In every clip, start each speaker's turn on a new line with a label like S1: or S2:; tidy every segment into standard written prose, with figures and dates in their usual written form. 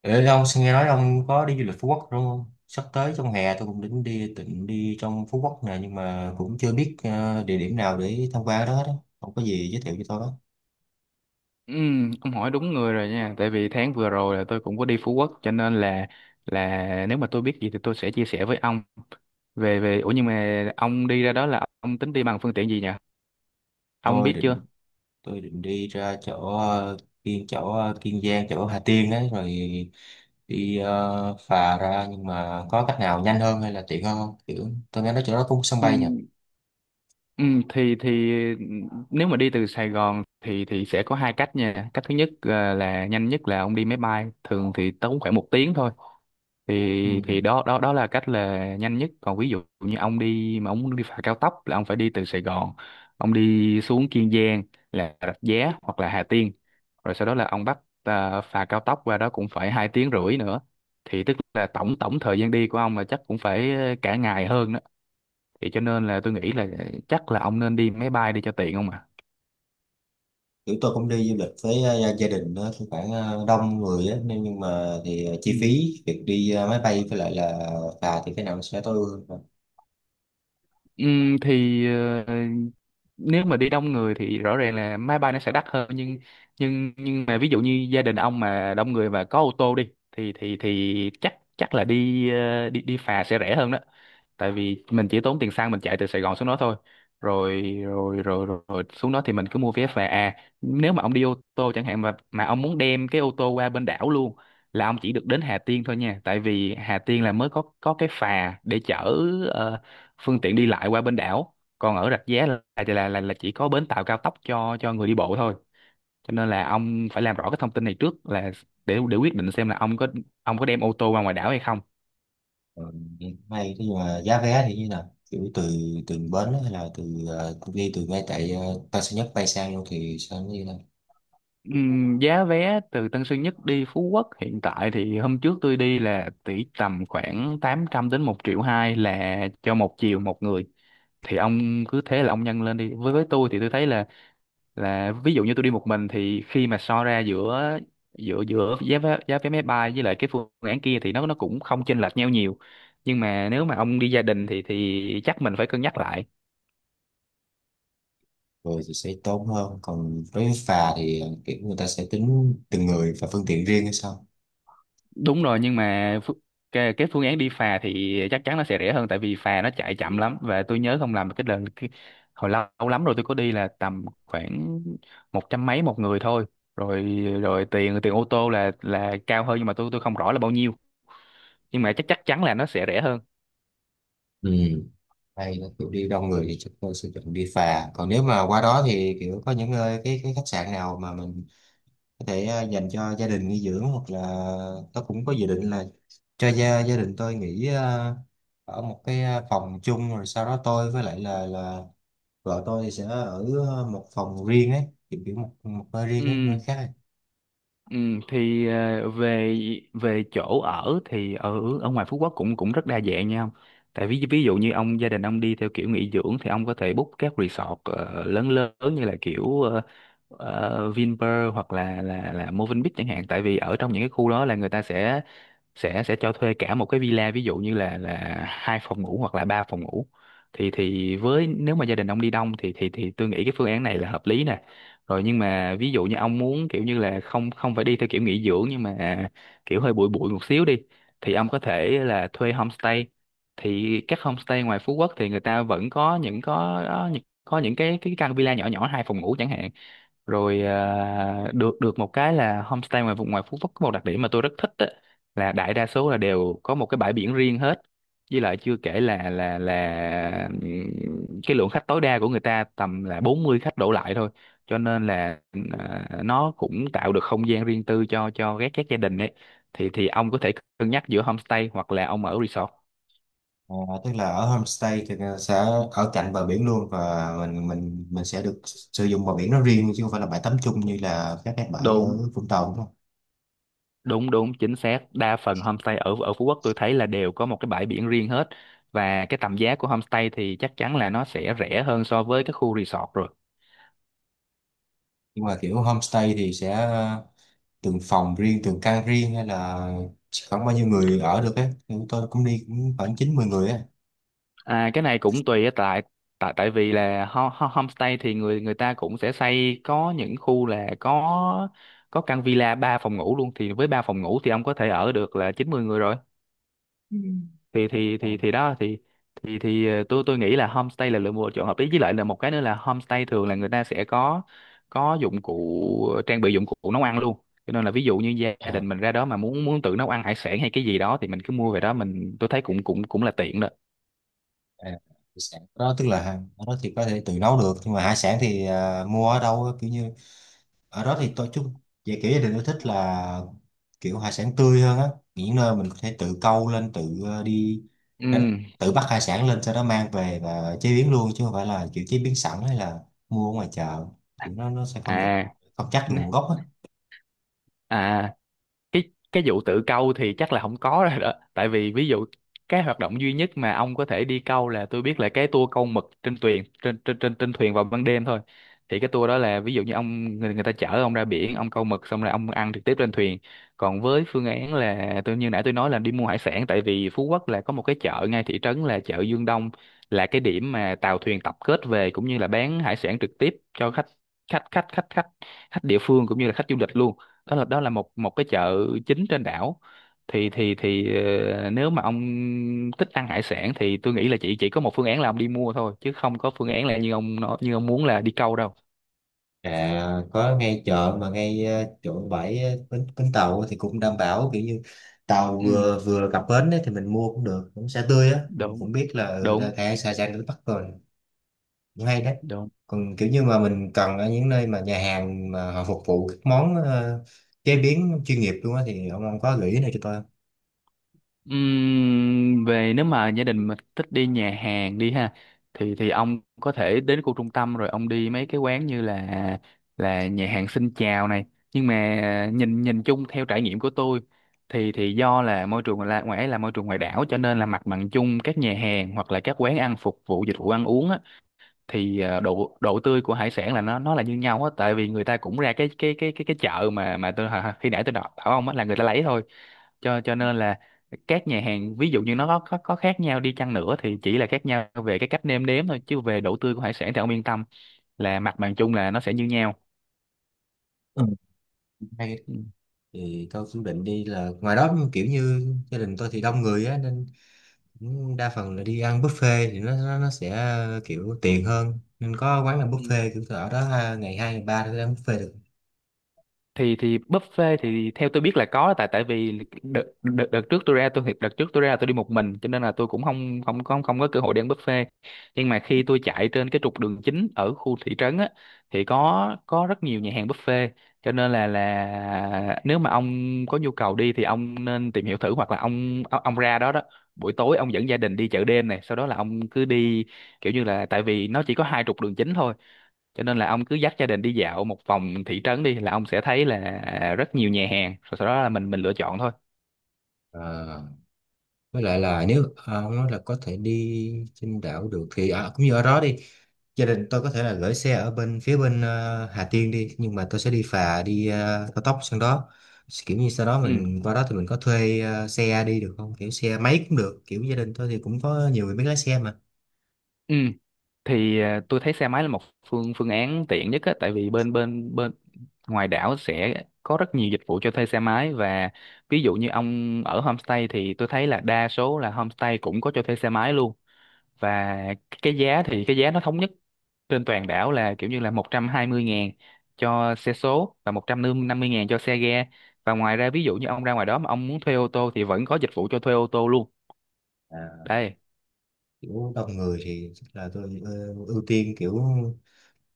S1: Ê, ông xin nghe nói ông có đi du lịch Phú Quốc đúng không? Sắp tới trong hè tôi cũng định đi trong Phú Quốc nè, nhưng mà cũng chưa biết địa điểm nào để tham quan đó đó. Ông có gì giới thiệu cho tôi đó.
S2: Ừ, ông hỏi đúng người rồi nha, tại vì tháng vừa rồi là tôi cũng có đi Phú Quốc, cho nên là nếu mà tôi biết gì thì tôi sẽ chia sẻ với ông về về ủa Nhưng mà ông đi ra đó là ông tính đi bằng phương tiện gì nhỉ, ông
S1: Tôi
S2: biết chưa?
S1: định tôi định đi ra chỗ Kiên Giang, chỗ Hà Tiên đấy, rồi đi phà ra, nhưng mà có cách nào nhanh hơn hay là tiện hơn không? Kiểu tôi nghe nói chỗ đó có sân
S2: ừ,
S1: bay nhỉ?
S2: ừ, thì thì nếu mà đi từ Sài Gòn thì sẽ có hai cách nha. Cách thứ nhất, là nhanh nhất, là ông đi máy bay, thường thì tốn khoảng 1 tiếng thôi.
S1: Ừ.
S2: Thì thì đó đó đó là cách là nhanh nhất. Còn ví dụ như ông đi mà ông muốn đi phà cao tốc là ông phải đi từ Sài Gòn, ông đi xuống Kiên Giang, là Rạch Giá hoặc là Hà Tiên, rồi sau đó là ông bắt phà cao tốc qua đó cũng phải 2 tiếng rưỡi nữa. Thì tức là tổng tổng thời gian đi của ông là chắc cũng phải cả ngày hơn đó. Thì cho nên là tôi nghĩ là chắc là ông nên đi máy bay đi cho tiện, không ạ?
S1: Kiểu tôi cũng đi du lịch với gia đình đó, thì khoảng đông người á, nên nhưng mà thì
S2: Ừ.
S1: chi phí việc đi máy bay với lại là phà thì cái nào nó sẽ tối ưu hơn?
S2: Ừm, thì ờ, Nếu mà đi đông người thì rõ ràng là máy bay nó sẽ đắt hơn, nhưng mà ví dụ như gia đình ông mà đông người và có ô tô đi thì chắc chắc là đi ờ, đi đi phà sẽ rẻ hơn đó. Tại vì mình chỉ tốn tiền xăng mình chạy từ Sài Gòn xuống đó thôi, rồi rồi rồi rồi, rồi xuống đó thì mình cứ mua vé về. À, nếu mà ông đi ô tô chẳng hạn, mà ông muốn đem cái ô tô qua bên đảo luôn là ông chỉ được đến Hà Tiên thôi nha, tại vì Hà Tiên là mới có cái phà để chở ờ, phương tiện đi lại qua bên đảo. Còn ở Rạch Giá là chỉ có bến tàu cao tốc cho người đi bộ thôi. Cho nên là ông phải làm rõ cái thông tin này trước, là để quyết định xem là ông có đem ô tô qua ngoài đảo hay không.
S1: Ờ, Hay thế, nhưng mà giá vé thì như nào? Kiểu từ từ bến, hay là đi từ ngay tại Tân Sơn Nhất bay sang luôn thì sao, nó như nào,
S2: Giá vé từ Tân Sơn Nhất đi Phú Quốc hiện tại thì hôm trước tôi đi là tỷ tầm khoảng 800 đến 1 triệu 2 là cho một chiều một người. Thì ông cứ thế là ông nhân lên đi. Với tôi thì tôi thấy là ví dụ như tôi đi một mình thì khi mà so ra giữa giữa giữa giá vé máy bay với lại cái phương án kia thì nó cũng không chênh lệch nhau nhiều. Nhưng mà nếu mà ông đi gia đình thì chắc mình phải cân nhắc lại.
S1: rồi thì sẽ tốn hơn? Còn đối với phà thì kiểu người ta sẽ tính từng người và phương tiện riêng hay sao?
S2: Đúng rồi. Nhưng mà cái phương án đi phà thì chắc chắn nó sẽ rẻ hơn, tại vì phà nó chạy chậm lắm. Và tôi nhớ không làm cái lần cái, hồi lâu, lâu lắm rồi tôi có đi là tầm khoảng 100 mấy một người thôi. Rồi rồi tiền tiền ô tô là cao hơn, nhưng mà tôi không rõ là bao nhiêu. Nhưng mà chắc chắc chắn là nó sẽ rẻ hơn.
S1: Ừ. Hay là kiểu đi đông người thì chắc tôi sẽ chọn đi phà. Còn nếu mà qua đó thì kiểu có những nơi, cái khách sạn nào mà mình có thể dành cho gia đình nghỉ dưỡng, hoặc là tôi cũng có dự định là cho gia gia đình tôi nghỉ ở một cái phòng chung, rồi sau đó tôi với lại là vợ tôi thì sẽ ở một phòng riêng ấy, kiểu kiểu một một nơi riêng ấy,
S2: Ừ.
S1: nơi khác ấy.
S2: Ừ, thì ờ, về Về chỗ ở thì ở ở ngoài Phú Quốc cũng cũng rất đa dạng nha ông. Tại ví ví dụ như ông, gia đình ông đi theo kiểu nghỉ dưỡng thì ông có thể book các resort lớn lớn như là kiểu Vinpearl hoặc là Movenpick chẳng hạn. Tại vì ở trong những cái khu đó là người ta sẽ cho thuê cả một cái villa, ví dụ như là hai phòng ngủ hoặc là ba phòng ngủ. Thì với nếu mà gia đình ông đi đông thì tôi nghĩ cái phương án này là hợp lý nè. Rồi nhưng mà ví dụ như ông muốn kiểu như là không không phải đi theo kiểu nghỉ dưỡng, nhưng mà kiểu hơi bụi bụi một xíu đi, thì ông có thể là thuê homestay. Thì các homestay ngoài Phú Quốc thì người ta vẫn có những, có những cái căn villa nhỏ nhỏ hai phòng ngủ chẳng hạn. Rồi, à, được được một cái là homestay ngoài vùng ngoài Phú Quốc có một đặc điểm mà tôi rất thích á, là đại đa số là đều có một cái bãi biển riêng hết. Với lại chưa kể là cái lượng khách tối đa của người ta tầm là 40 khách đổ lại thôi. Cho nên là nó cũng tạo được không gian riêng tư cho các gia đình ấy. Thì ông có thể cân nhắc giữa homestay hoặc là ông ở resort.
S1: À, tức là ở homestay thì sẽ ở cạnh bờ biển luôn, và mình sẽ được sử dụng bờ biển nó riêng, chứ không phải là bãi tắm chung như là các cái bãi ở
S2: Đúng.
S1: Vũng Tàu đúng không?
S2: Đúng, đúng, chính xác. Đa phần homestay ở ở Phú Quốc tôi thấy là đều có một cái bãi biển riêng hết, và cái tầm giá của homestay thì chắc chắn là nó sẽ rẻ hơn so với cái khu resort rồi.
S1: Nhưng mà kiểu homestay thì sẽ từng phòng riêng, từng căn riêng, hay là chỉ khoảng bao nhiêu người ở được ấy? Thì chúng tôi cũng đi cũng khoảng chín mười người ấy.
S2: À, cái này cũng tùy á, tại tại tại vì là homestay thì người người ta cũng sẽ xây, có những khu là có căn villa 3 phòng ngủ luôn, thì với 3 phòng ngủ thì ông có thể ở được là 90 người rồi. thì thì
S1: Ờ,
S2: thì thì đó thì thì thì tôi nghĩ là homestay là một lựa chọn hợp lý. Với lại là một cái nữa là homestay thường là người ta sẽ có dụng cụ, trang bị dụng cụ nấu ăn luôn. Cho nên là ví dụ như gia
S1: à,
S2: đình mình ra đó mà muốn muốn tự nấu ăn hải sản hay cái gì đó thì mình cứ mua về đó mình, tôi thấy cũng cũng cũng là tiện đó.
S1: à, hải sản đó, tức là ở đó thì có thể tự nấu được, nhưng mà hải sản thì mua ở đâu á, kiểu như ở đó thì tôi chung, về kiểu gia đình tôi thích là kiểu hải sản tươi hơn á, những nơi mình có thể tự câu lên, tự đi
S2: Ừ.
S1: đánh, tự bắt hải sản lên sau đó mang về và chế biến luôn, chứ không phải là kiểu chế biến sẵn, hay là mua ở ngoài chợ, kiểu nó sẽ không được,
S2: à
S1: không chắc được nguồn
S2: n-
S1: gốc á.
S2: à, cái vụ tự câu thì chắc là không có rồi đó tại vì ví dụ, cái hoạt động duy nhất mà ông có thể đi câu là tôi biết là cái tour câu mực trên thuyền, trên trên trên trên thuyền vào ban đêm thôi. Thì cái tour đó là ví dụ như ông, người ta chở ông ra biển, ông câu mực xong rồi ông ăn trực tiếp trên thuyền. Còn với phương án là tôi như nãy tôi nói là đi mua hải sản, tại vì Phú Quốc là có một cái chợ ngay thị trấn là chợ Dương Đông, là cái điểm mà tàu thuyền tập kết về cũng như là bán hải sản trực tiếp cho khách, khách khách khách khách khách địa phương cũng như là khách du lịch luôn. Đó là một một cái chợ chính trên đảo. thì thì thì Nếu mà ông thích ăn hải sản thì tôi nghĩ là chỉ có một phương án là ông đi mua thôi, chứ không có phương án là như ông nói, như ông muốn là đi câu đâu.
S1: À, có ngay chợ mà ngay chỗ bãi, bến tàu, thì cũng đảm bảo kiểu như tàu
S2: Ừ.
S1: vừa vừa cập bến ấy, thì mình mua cũng được, cũng sẽ tươi á, mình
S2: Đúng,
S1: cũng biết là ra
S2: đúng,
S1: thẻ xa, ra đến Bắc rồi, cũng hay đấy.
S2: đúng.
S1: Còn kiểu như mà mình cần ở những nơi mà nhà hàng mà họ phục vụ các món chế biến chuyên nghiệp luôn á, thì ông có gợi ý này cho tôi không?
S2: Nếu mà gia đình mà thích đi nhà hàng đi ha, thì ông có thể đến khu trung tâm rồi ông đi mấy cái quán như là nhà hàng Xin Chào này. Nhưng mà nhìn nhìn chung theo trải nghiệm của tôi thì do là môi trường là ngoài ấy là môi trường ngoài đảo, cho nên là mặt bằng chung các nhà hàng hoặc là các quán ăn phục vụ dịch vụ ăn uống á, thì ờ, độ độ tươi của hải sản là nó là như nhau á. Tại vì người ta cũng ra cái chợ mà tôi khi nãy tôi đọc bảo ông á là người ta lấy thôi. Cho Cho nên là các nhà hàng ví dụ như nó có, có khác nhau đi chăng nữa thì chỉ là khác nhau về cái cách nêm nếm thôi, chứ về độ tươi của hải sản thì ông yên tâm là mặt bằng chung là nó sẽ như nhau.
S1: Ừ. Hay đấy. Thì tôi cũng định đi là ngoài đó, kiểu như gia đình tôi thì đông người á, nên đa phần là đi ăn buffet thì nó sẽ kiểu tiện hơn, nên có quán làm
S2: Ừ.
S1: buffet kiểu ở đó ha, ngày hai ngày ba thì ăn buffet được.
S2: Thì buffet thì theo tôi biết là có, tại tại vì đợt trước tôi ra, tôi thiệt đợt trước tôi ra là tôi đi một mình, cho nên là tôi cũng không không không không có cơ hội đi ăn buffet. Nhưng mà khi tôi chạy trên cái trục đường chính ở khu thị trấn á, thì có rất nhiều nhà hàng buffet, cho nên là nếu mà ông có nhu cầu đi thì ông nên tìm hiểu thử, hoặc là ông ra đó đó buổi tối, ông dẫn gia đình đi chợ đêm này, sau đó là ông cứ đi. Kiểu như là tại vì nó chỉ có hai trục đường chính thôi, cho nên là ông cứ dắt gia đình đi dạo một vòng thị trấn đi là ông sẽ thấy là rất nhiều nhà hàng, rồi sau đó là mình lựa chọn thôi.
S1: Ờ, với lại là nếu ông nói là có thể đi trên đảo được thì cũng như ở đó đi, gia đình tôi có thể là gửi xe ở bên phía bên Hà Tiên đi, nhưng mà tôi sẽ đi phà, đi cao tốc sang đó, kiểu như sau đó
S2: Ừ.
S1: mình qua đó thì mình có thuê xe đi được không, kiểu xe máy cũng được, kiểu gia đình tôi thì cũng có nhiều người biết lái xe
S2: Ừ. Thì tôi thấy xe máy là một phương phương án tiện nhất á, tại vì bên bên bên ngoài đảo sẽ có rất nhiều dịch vụ cho thuê xe máy. Và ví dụ như ông ở homestay thì tôi thấy là đa số là homestay cũng có cho thuê xe máy luôn. Và cái giá nó thống nhất trên toàn đảo là kiểu như là 120.000 cho xe số và 150.000 cho xe ga. Và ngoài ra ví dụ như ông ra ngoài đó mà ông muốn thuê ô tô thì vẫn có dịch vụ cho thuê ô tô luôn
S1: mà.
S2: đây.
S1: Kiểu đông người thì chắc là tôi ưu tiên kiểu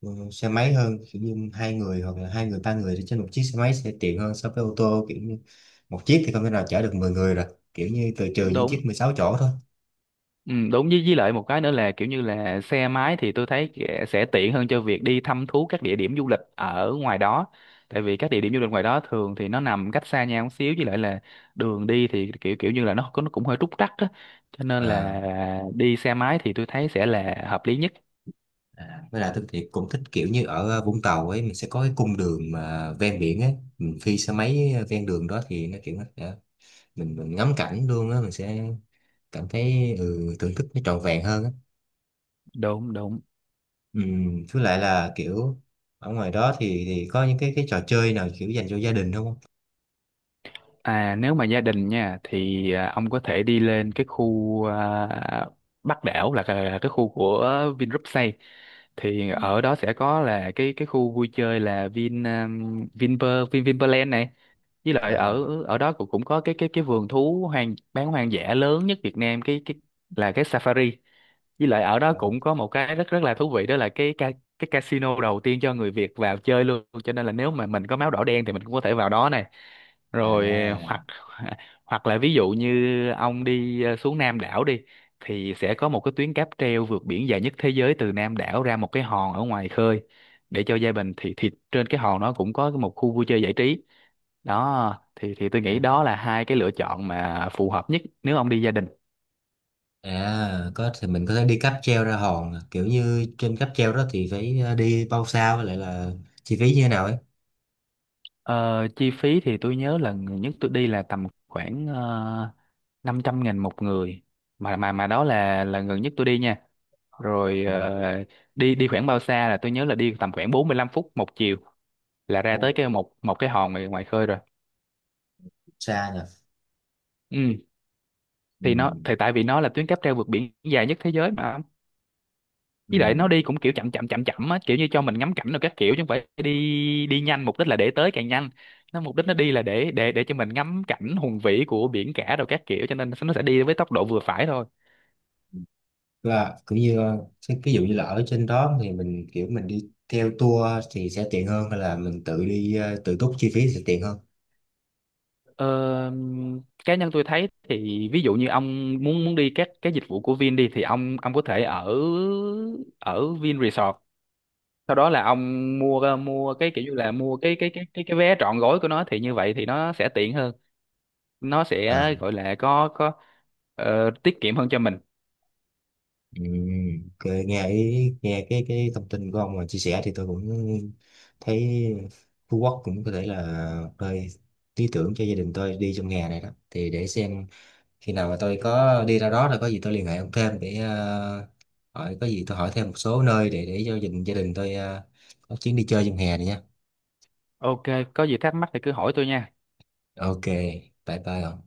S1: xe máy hơn, kiểu như hai người, hoặc là hai người ba người thì trên một chiếc xe máy sẽ tiện hơn so với ô tô, kiểu như một chiếc thì không thể nào chở được 10 người rồi, kiểu như trừ những
S2: Đúng.
S1: chiếc 16 chỗ thôi.
S2: Ừ, đúng. Với lại một cái nữa là kiểu như là xe máy thì tôi thấy sẽ tiện hơn cho việc đi thăm thú các địa điểm du lịch ở ngoài đó. Tại vì các địa điểm du lịch ngoài đó thường thì nó nằm cách xa nhau một xíu, với lại là đường đi thì kiểu kiểu như là nó cũng hơi trúc trắc á, cho nên
S1: à,
S2: là đi xe máy thì tôi thấy sẽ là hợp lý nhất.
S1: với lại tôi thì cũng thích kiểu như ở Vũng Tàu ấy, mình sẽ có cái cung đường mà ven biển ấy, mình phi xe máy ven đường đó thì nó kiểu nó sẽ- mình ngắm cảnh luôn á, mình sẽ cảm thấy thưởng thức nó trọn vẹn hơn á.
S2: Đúng đúng.
S1: Ừ, với lại là kiểu ở ngoài đó thì có những cái trò chơi nào kiểu dành cho gia đình không?
S2: À, nếu mà gia đình nha thì ông có thể đi lên cái khu Bắc đảo, là cái cái khu của Vingroup xây. Thì ở đó sẽ có là cái khu vui chơi là Vinpearland này. Với lại
S1: À,
S2: ở ở đó cũng cũng có cái vườn thú hoang bán hoang dã lớn nhất Việt Nam, cái là cái Safari. Với lại ở đó
S1: à,
S2: cũng có một cái rất rất là thú vị đó là cái casino đầu tiên cho người Việt vào chơi luôn, cho nên là nếu mà mình có máu đỏ đen thì mình cũng có thể vào đó này. Rồi.
S1: à,
S2: Hoặc Hoặc là ví dụ như ông đi xuống Nam đảo đi, thì sẽ có một cái tuyến cáp treo vượt biển dài nhất thế giới từ Nam đảo ra một cái hòn ở ngoài khơi để cho gia đình. Thì trên cái hòn nó cũng có một khu vui chơi giải trí. Đó thì tôi
S1: à,
S2: nghĩ đó là hai cái lựa chọn mà phù hợp nhất nếu ông đi gia đình.
S1: có thì mình có thể đi cáp treo ra hòn à. Kiểu như trên cáp treo đó thì phải đi bao xa, với lại là chi phí như thế nào ấy?
S2: Ờ, chi phí thì tôi nhớ là người nhất tôi đi là tầm khoảng 500.000 một người, mà mà đó là gần nhất tôi đi nha. Rồi
S1: Ồ,
S2: ờ, đi đi khoảng bao xa là tôi nhớ là đi tầm khoảng 45 phút một chiều là ra
S1: ồ,
S2: tới cái một một cái hòn ngoài khơi rồi.
S1: xa nhỉ.
S2: Ừ.
S1: Ừ,
S2: Thì nó tại vì nó là tuyến cáp treo vượt biển dài nhất thế giới mà. Với lại nó
S1: ừ.
S2: đi cũng kiểu chậm chậm á, kiểu như cho mình ngắm cảnh rồi các kiểu, chứ không phải đi đi nhanh mục đích là để tới càng nhanh. Nó mục đích nó đi là để cho mình ngắm cảnh hùng vĩ của biển cả rồi các kiểu, cho nên nó sẽ đi với tốc độ vừa phải thôi.
S1: Và cũng như cái ví dụ như là ở trên đó thì mình kiểu mình đi theo tour thì sẽ tiện hơn, hay là mình tự đi tự túc chi phí sẽ tiện hơn?
S2: Ờ, cá nhân tôi thấy thì ví dụ như ông muốn muốn đi các cái dịch vụ của Vin đi thì ông có thể ở ở Vin Resort, sau đó là ông mua mua cái kiểu như là mua cái vé trọn gói của nó, thì như vậy thì nó sẽ tiện hơn. Nó sẽ
S1: À.
S2: gọi là có ờ, tiết kiệm hơn cho mình.
S1: Ừ, ok, nghe cái thông tin của ông mà chia sẻ thì tôi cũng thấy Phú Quốc cũng có thể là nơi lý tưởng cho gia đình tôi đi trong hè này đó, thì để xem khi nào mà tôi có đi ra đó là có gì tôi liên hệ ông thêm để hỏi, có gì tôi hỏi thêm một số nơi để cho gia đình tôi có chuyến đi chơi trong hè này nha.
S2: OK, có gì thắc mắc thì cứ hỏi tôi nha.
S1: Ok, bye bye ông.